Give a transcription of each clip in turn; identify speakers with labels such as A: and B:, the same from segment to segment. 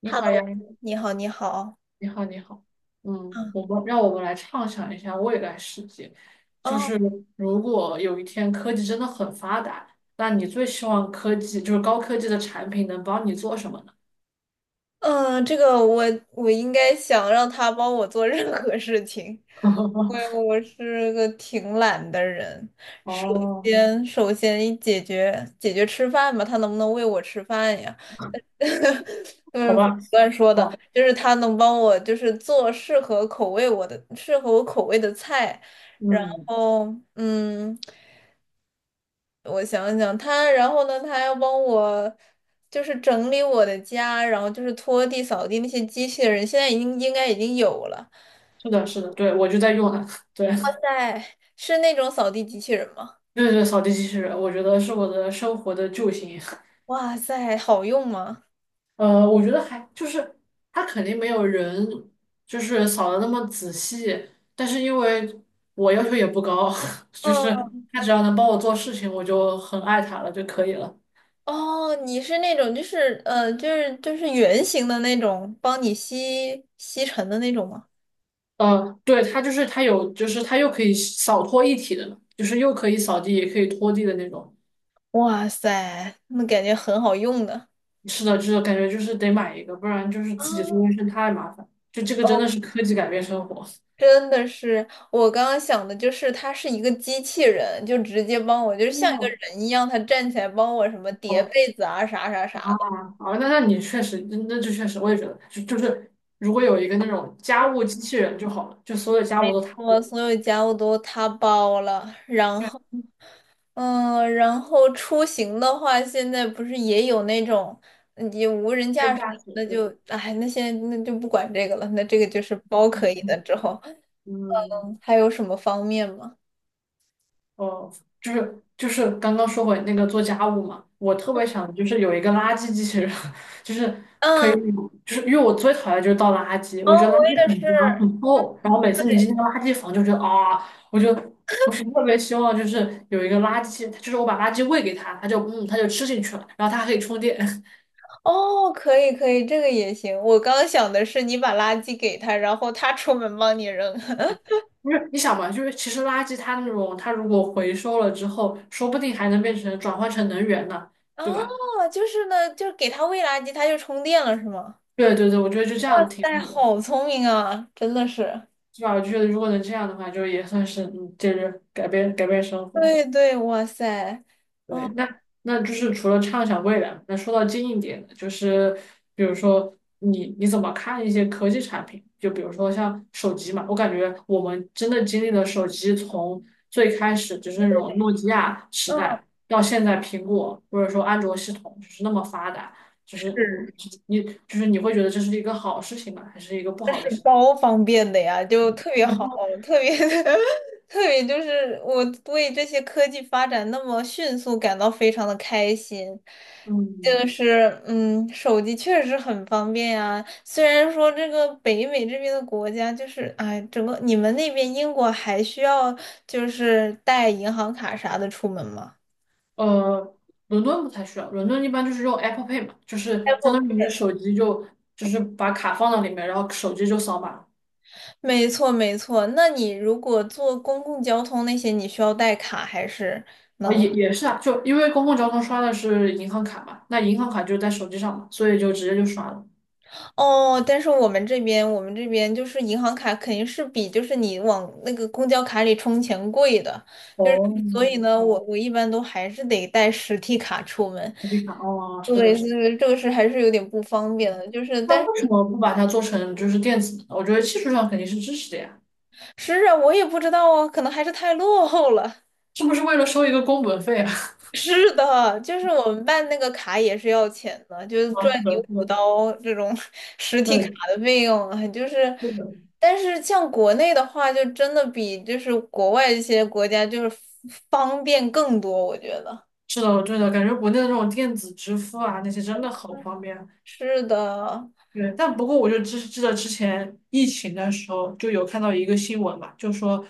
A: 你好呀，
B: Hello，你好，你好。
A: 你好，你好。
B: 嗯，
A: 让我们来畅想一下未来世界，就
B: 哦，
A: 是如果有一天科技真的很发达，那你最希望科技就是高科技的产品能帮你做什么呢？
B: 这个我应该想让他帮我做任何事情，因为 我是个挺懒的人。首
A: 哦，
B: 首先解决吃饭吧，他能不能喂我吃饭呀？
A: 好吧，
B: 乱说的，
A: 哦，
B: 就是他能帮我，就是做适合口味我的、适合我口味的菜，然
A: 嗯，
B: 后我想想，他，然后呢，他还要帮我，就是整理我的家，然后就是拖地、扫地那些机器人，现在应该已经有了。
A: 是的，是的，对，我就在用它，对，
B: 在，是那种扫地机器人吗？
A: 对对，扫地机器人，我觉得是我的生活的救星。
B: 哇塞，好用吗？
A: 我觉得还就是他肯定没有人就是扫的那么仔细，但是因为我要求也不高，就是
B: 嗯，
A: 他只要能帮我做事情，我就很爱他了就可以了。
B: 哦，你是那种就是圆形的那种，帮你吸尘的那种吗？
A: 对，他就是他有，就是他又可以扫拖一体的，就是又可以扫地也可以拖地的那种。
B: 哇塞，那感觉很好用的。
A: 是的，就是感觉就是得买一个，不然就是自己做卫生太麻烦。就这个
B: 啊，
A: 真的是科技改变生活。
B: 真的是，我刚刚想的就是，它是一个机器人，就直接帮我，就是像一个人一样，他站起来帮我什么叠
A: 哦
B: 被子啊，啥啥啥的。
A: 啊哦，那你确实，那就确实，我也觉得，就是如果有一个那种家务机器人就好了，就所有家务
B: 没
A: 都他
B: 错，
A: 做，
B: 所有家务都他包了。然
A: 虽然
B: 后，嗯，然后出行的话，现在不是也有那种也无人
A: 跟
B: 驾驶，
A: 驾驶，
B: 那
A: 对吧？
B: 就，哎，那现在那就不管这个了，那这个就是包可以的。之后
A: 嗯，
B: 嗯还有什么方面吗？
A: 哦，就是刚刚说回那个做家务嘛，我特别想就是有一个垃圾机器人，就是
B: 嗯，
A: 就是因为我最讨厌就是倒垃圾，
B: 哦，
A: 我觉得垃
B: 我
A: 圾
B: 也
A: 很
B: 是。
A: 不够，然后每次你进
B: 对。
A: 那个垃圾房就觉得啊，我就我是特别希望就是有一个垃圾，就是我把垃圾喂给他，他就嗯他就吃进去了，然后他还可以充电。
B: 哦，可以可以，这个也行。我刚刚想的是你把垃圾给他，然后他出门帮你扔。
A: 不是你想嘛，就是其实垃圾它那种，它如果回收了之后，说不定还能变成转换成能源呢，对吧？
B: 哦，就是呢，就是给他喂垃圾，他就充电了，是吗？
A: 对对对，我觉得就这
B: 哇
A: 样挺
B: 塞，
A: 好的，
B: 好聪明啊，真的是。
A: 对吧？我觉得如果能这样的话，就也算是就是改变改变生活。
B: 对对，哇塞，
A: 对，
B: 嗯
A: 那就是除了畅想未来，那说到近一点的，就是比如说你怎么看一些科技产品？就比如说像手机嘛，我感觉我们真的经历了手机从最开始就是那种诺基亚时
B: 嗯，
A: 代，到现在苹果或者说安卓系统就是那么发达，就是你
B: 是。
A: 你就是你会觉得这是一个好事情吗？还是一个不好的事情？
B: 超方便的呀，就特别好，特别 特别就是我为这些科技发展那么迅速感到非常的开心。
A: 嗯。
B: 就是嗯，手机确实很方便呀。虽然说这个北美这边的国家就是哎，整个你们那边英国还需要就是带银行卡啥的出门吗
A: 呃，伦敦不太需要，伦敦一般就是用 Apple Pay 嘛，就是相
B: ？Apple
A: 当于你
B: Pay
A: 的手机就是把卡放到里面，然后手机就扫码
B: 没错没错，那你如果坐公共交通那些，你需要带卡还是？
A: 啊，也是啊，就因为公共交通刷的是银行卡嘛，那银行卡就在手机上嘛，所以就直接就刷了。
B: 哦，但是我们这边，我们这边就是银行卡肯定是比就是你往那个公交卡里充钱贵的，就是
A: 哦，
B: 所以呢，我
A: 哦，
B: 我一般都还是得带实体卡出门。
A: 手机卡，哦，是的，
B: 对，
A: 是
B: 这
A: 的。
B: 个这个是还是有点不方便的，就是
A: 那
B: 但
A: 为什
B: 是
A: 么不把它做成就是电子呢我觉得技术上肯定是支持的呀，
B: 是啊，我也不知道啊，可能还是太落后了。
A: 是不是为了收一个工本费啊？
B: 是的，就是我们办那个卡也是要钱的，就 是
A: 啊，
B: 赚
A: 是
B: 你
A: 的，是
B: 五
A: 的，
B: 刀这种 实体卡
A: 对，
B: 的费用啊就是，
A: 是的，
B: 但是像国内的话，就真的比就是国外一些国家就是方便更多，我觉得。
A: 是的，对的，感觉国内的这种电子支付啊，那些真的好方便。
B: 是的，
A: 对，但不过我就知记得之前疫情的时候就有看到一个新闻嘛，就说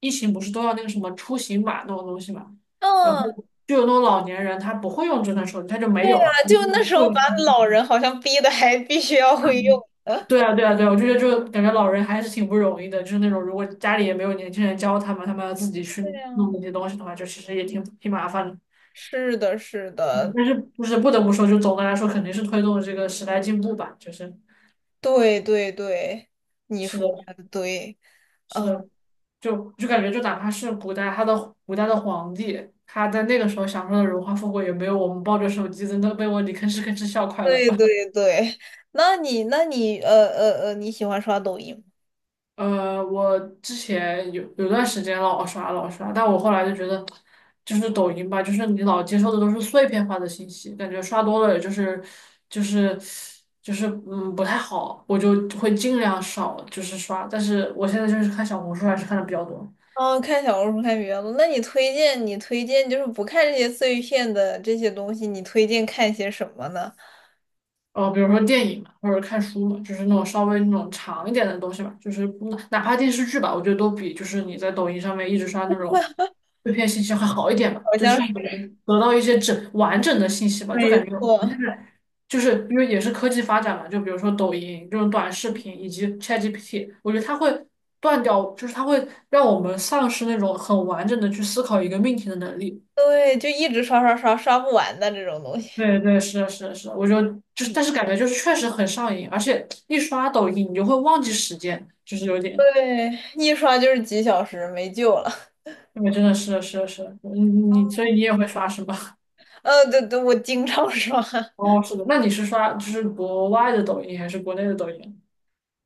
A: 疫情不是都要那个什么出行码那种东西嘛，然后
B: 嗯，
A: 就有那种老年人他不会用智能手机，他就没
B: 对呀，
A: 有啊。
B: 就那时候把老 人好像逼的还必须要会用的。
A: 对啊，对啊，对啊，我就觉得就感觉老人还是挺不容易的，就是那种如果家里也没有年轻人教他们，他们要自己 去
B: 对呀，
A: 弄那些东西的话，就其实也挺麻烦的。
B: 是的，是
A: 嗯
B: 的，
A: 但是就是不得不说，就总的来说肯定是推动了这个时代进步吧，就是
B: 对对对，你
A: 是的，
B: 说的对，嗯。
A: 是，就感觉，就哪怕是古代，他的古代的皇帝，他在那个时候享受的荣华富贵，也没有我们抱着手机在那被窝里吭哧吭哧笑快乐
B: 对
A: 吧。
B: 对对，那你你喜欢刷抖音吗？
A: 我之前有段时间老刷老刷，但我后来就觉得，就是抖音吧，就是你老接受的都是碎片化的信息，感觉刷多了也就是就是不太好，我就会尽量少就是刷，但是我现在就是看小红书还是看的比较多。
B: 哦，看小红书看比较多。那你推荐就是不看这些碎片的这些东西，你推荐看些什么呢？
A: 比如说电影嘛，或者看书嘛，就是那种稍微那种长一点的东西吧，就是不哪怕电视剧吧，我觉得都比就是你在抖音上面一直刷那种碎片信息会好一点吧，
B: 好
A: 就至
B: 像
A: 少
B: 是
A: 能得到一些完整的信息吧，就
B: 没
A: 感觉我现
B: 错，
A: 在就是因为也是科技发展嘛，就比如说抖音这种短视频以及 ChatGPT，我觉得它会断掉，就是它会让我们丧失那种很完整的去思考一个命题的能力。
B: 对，就一直刷刷刷刷不完的这种东西。
A: 对对，是的，是的，是，我就是，
B: 嗯，
A: 但是感觉就是确实很上瘾，而且一刷抖音你就会忘记时间，就是有点，
B: 对，一刷就是几小时，没救了。
A: 对，真的是是是，你所以你也会刷是吧？
B: 对对，我经常刷。
A: 哦，是的，那你是刷就是国外的抖音还是国内的抖音？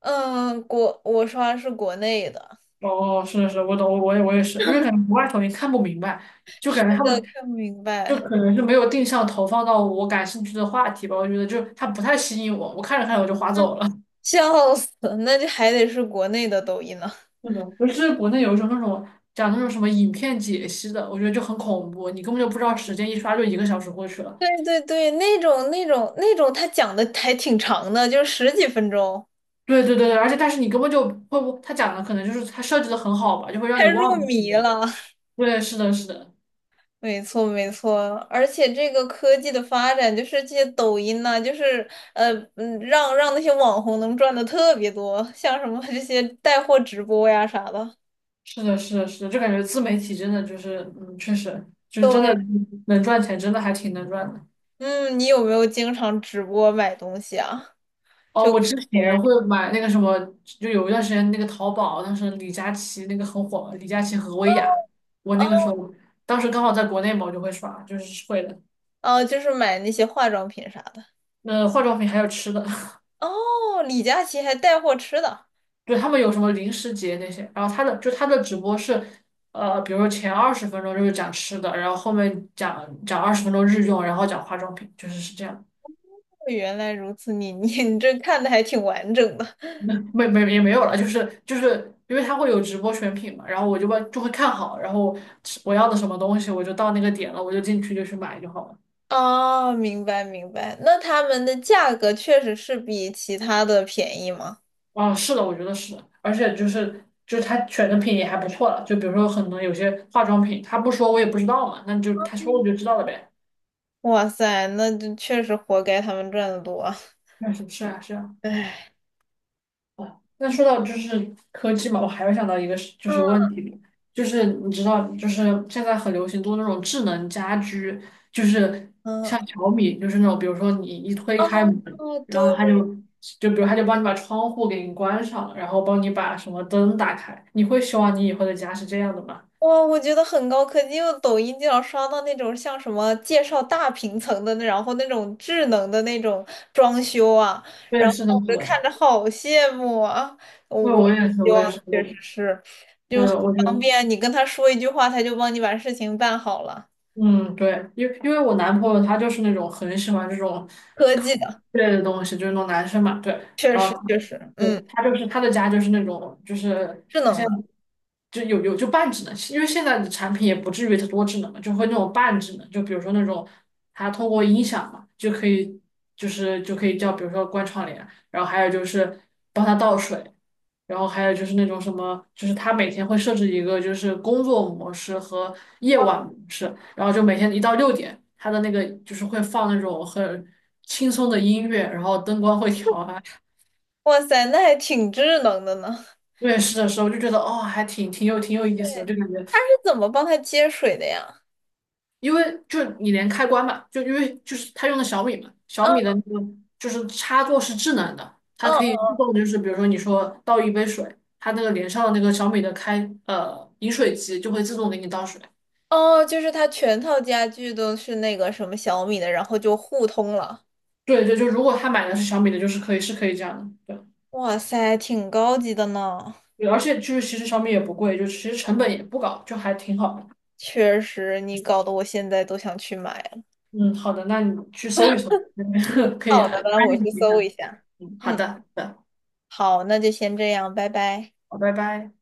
B: 嗯，我刷是国内的，
A: 哦，是的是我懂，我也是，因为感觉国外抖音看不明白，就感觉他
B: 呃
A: 们
B: 看不明
A: 就
B: 白，
A: 可能是没有定向投放到我感兴趣的话题吧，我觉得就它不太吸引我，我看着看着我就划走了。
B: 笑死，那就还得是国内的抖音呢。
A: 是的，不是国内有一种那种讲那种什么影片解析的，我觉得就很恐怖，你根本就不知道时间，一刷就一个小时过去了。
B: 对对对，那种，他讲的还挺长的，就十几分钟，
A: 对对对对，而且但是你根本就会不，他讲的可能就是他设计的很好吧，就会让
B: 太
A: 你
B: 入
A: 忘记。
B: 迷了。
A: 对，是的，是的，
B: 没错没错，而且这个科技的发展，就是这些抖音呐、就是让那些网红能赚的特别多，像什么这些带货直播呀啥的。
A: 是的，是的，是的，就感觉自媒体真的就是，确实就是真的
B: 对，
A: 能赚钱，真的还挺能赚的。
B: 嗯，你有没有经常直播买东西啊？
A: 哦，
B: 就
A: 我
B: 看
A: 之
B: 别人
A: 前会买那个什么，就有一段时间那个淘宝，当时李佳琦那个很火，李佳琦和薇娅，我那个时
B: 哦
A: 候当时刚好在国内嘛，我就会刷，就是会的。
B: 哦，就是买那些化妆品啥的。
A: 那化妆品还有吃的，
B: 哦，李佳琦还带货吃的。
A: 对他们有什么零食节那些，然后他的直播是，比如说前二十分钟就是讲吃的，然后后面讲讲二十分钟日用，然后讲化妆品，就是是这样。
B: 原来如此，你这看的还挺完整的
A: 没也没有了，就是因为它会有直播选品嘛，然后我就会看好，然后我要的什么东西，我就到那个点了，我就进去就去买就好了。
B: 哦，明白明白。那他们的价格确实是比其他的便宜吗？
A: 啊，是的，我觉得是的，而且就是他选的品也还不错了，就比如说可能有些化妆品，他不说我也不知道嘛，那就他说我
B: 嗯
A: 就知道了呗。
B: 哇塞，那就确实活该他们赚的多啊
A: 那是是啊是啊。
B: 唉，
A: 哦，那说到就是科技嘛，我还会想到一个是就是问
B: 嗯，
A: 题，就是你知道，就是现在很流行做那种智能家居，就是
B: 嗯，
A: 像小米，就是那种比如说你一推
B: 哦
A: 开门，
B: 哦，
A: 然后它就
B: 对
A: 就比如它就帮你把窗户给你关上了然后帮你把什么灯打开。你会希望你以后的家是这样的吗？
B: 哇，我觉得很高科技，因为抖音经常刷到那种像什么介绍大平层的那，然后那种智能的那种装修啊，
A: 对，
B: 然后
A: 是的，是
B: 我就看
A: 的，
B: 着好羡慕啊！我
A: 对，
B: 我
A: 我
B: 也
A: 也是，
B: 希
A: 我也
B: 望
A: 是，
B: 确
A: 我
B: 实是，
A: 对，
B: 就很
A: 我就
B: 方便，你跟他说一句话，他就帮你把事情办好了。
A: 嗯，对，因为我男朋友他就是那种很喜欢这种
B: 科技的，
A: 类的东西，就是那种男生嘛，对，
B: 确
A: 然后
B: 实确实，
A: 对
B: 嗯，
A: 他就是他的家就是那种就是
B: 智
A: 他
B: 能
A: 现
B: 的，
A: 在就有就半智能，因为现在的产品也不至于多智能嘛，就会那种半智能，就比如说那种他通过音响嘛就可以叫比如说关窗帘，然后还有就是帮他倒水，然后还有就是那种什么，就是他每天会设置一个就是工作模式和夜晚模式，然后就每天一到6点，他的那个就是会放那种很轻松的音乐，然后灯光会调啊。
B: 哇塞，那还挺智能的呢。
A: 面试的时候就觉得哦，还挺有意思的，就感觉
B: 是怎么帮他接水的呀？
A: 因为就你连开关嘛，就因为就是他用的小米嘛，小
B: 嗯
A: 米的
B: 嗯。
A: 那个就是插座是智能的，它
B: 哦
A: 可以自动就是比如说你说倒一杯水，它那个连上的那个小米的饮水机就会自动给你倒水。
B: 哦，就是它全套家具都是那个什么小米的，然后就互通了。
A: 对对，就如果他买的是小米的，就是可以是可以这样的，对，
B: 哇塞，挺高级的呢。
A: 对而且就是其实小米也不贵，就其实成本也不高，就还挺好的。
B: 确实，你搞得我现在都想去买了。
A: 嗯，好的，那你去搜一搜，可以
B: 好
A: 啊
B: 的那
A: 安
B: 我
A: 利
B: 去
A: 你一
B: 搜一
A: 下。
B: 下。
A: 嗯，好
B: 嗯，
A: 的，好的，
B: 好，那就先这样，拜拜。
A: 好，拜拜。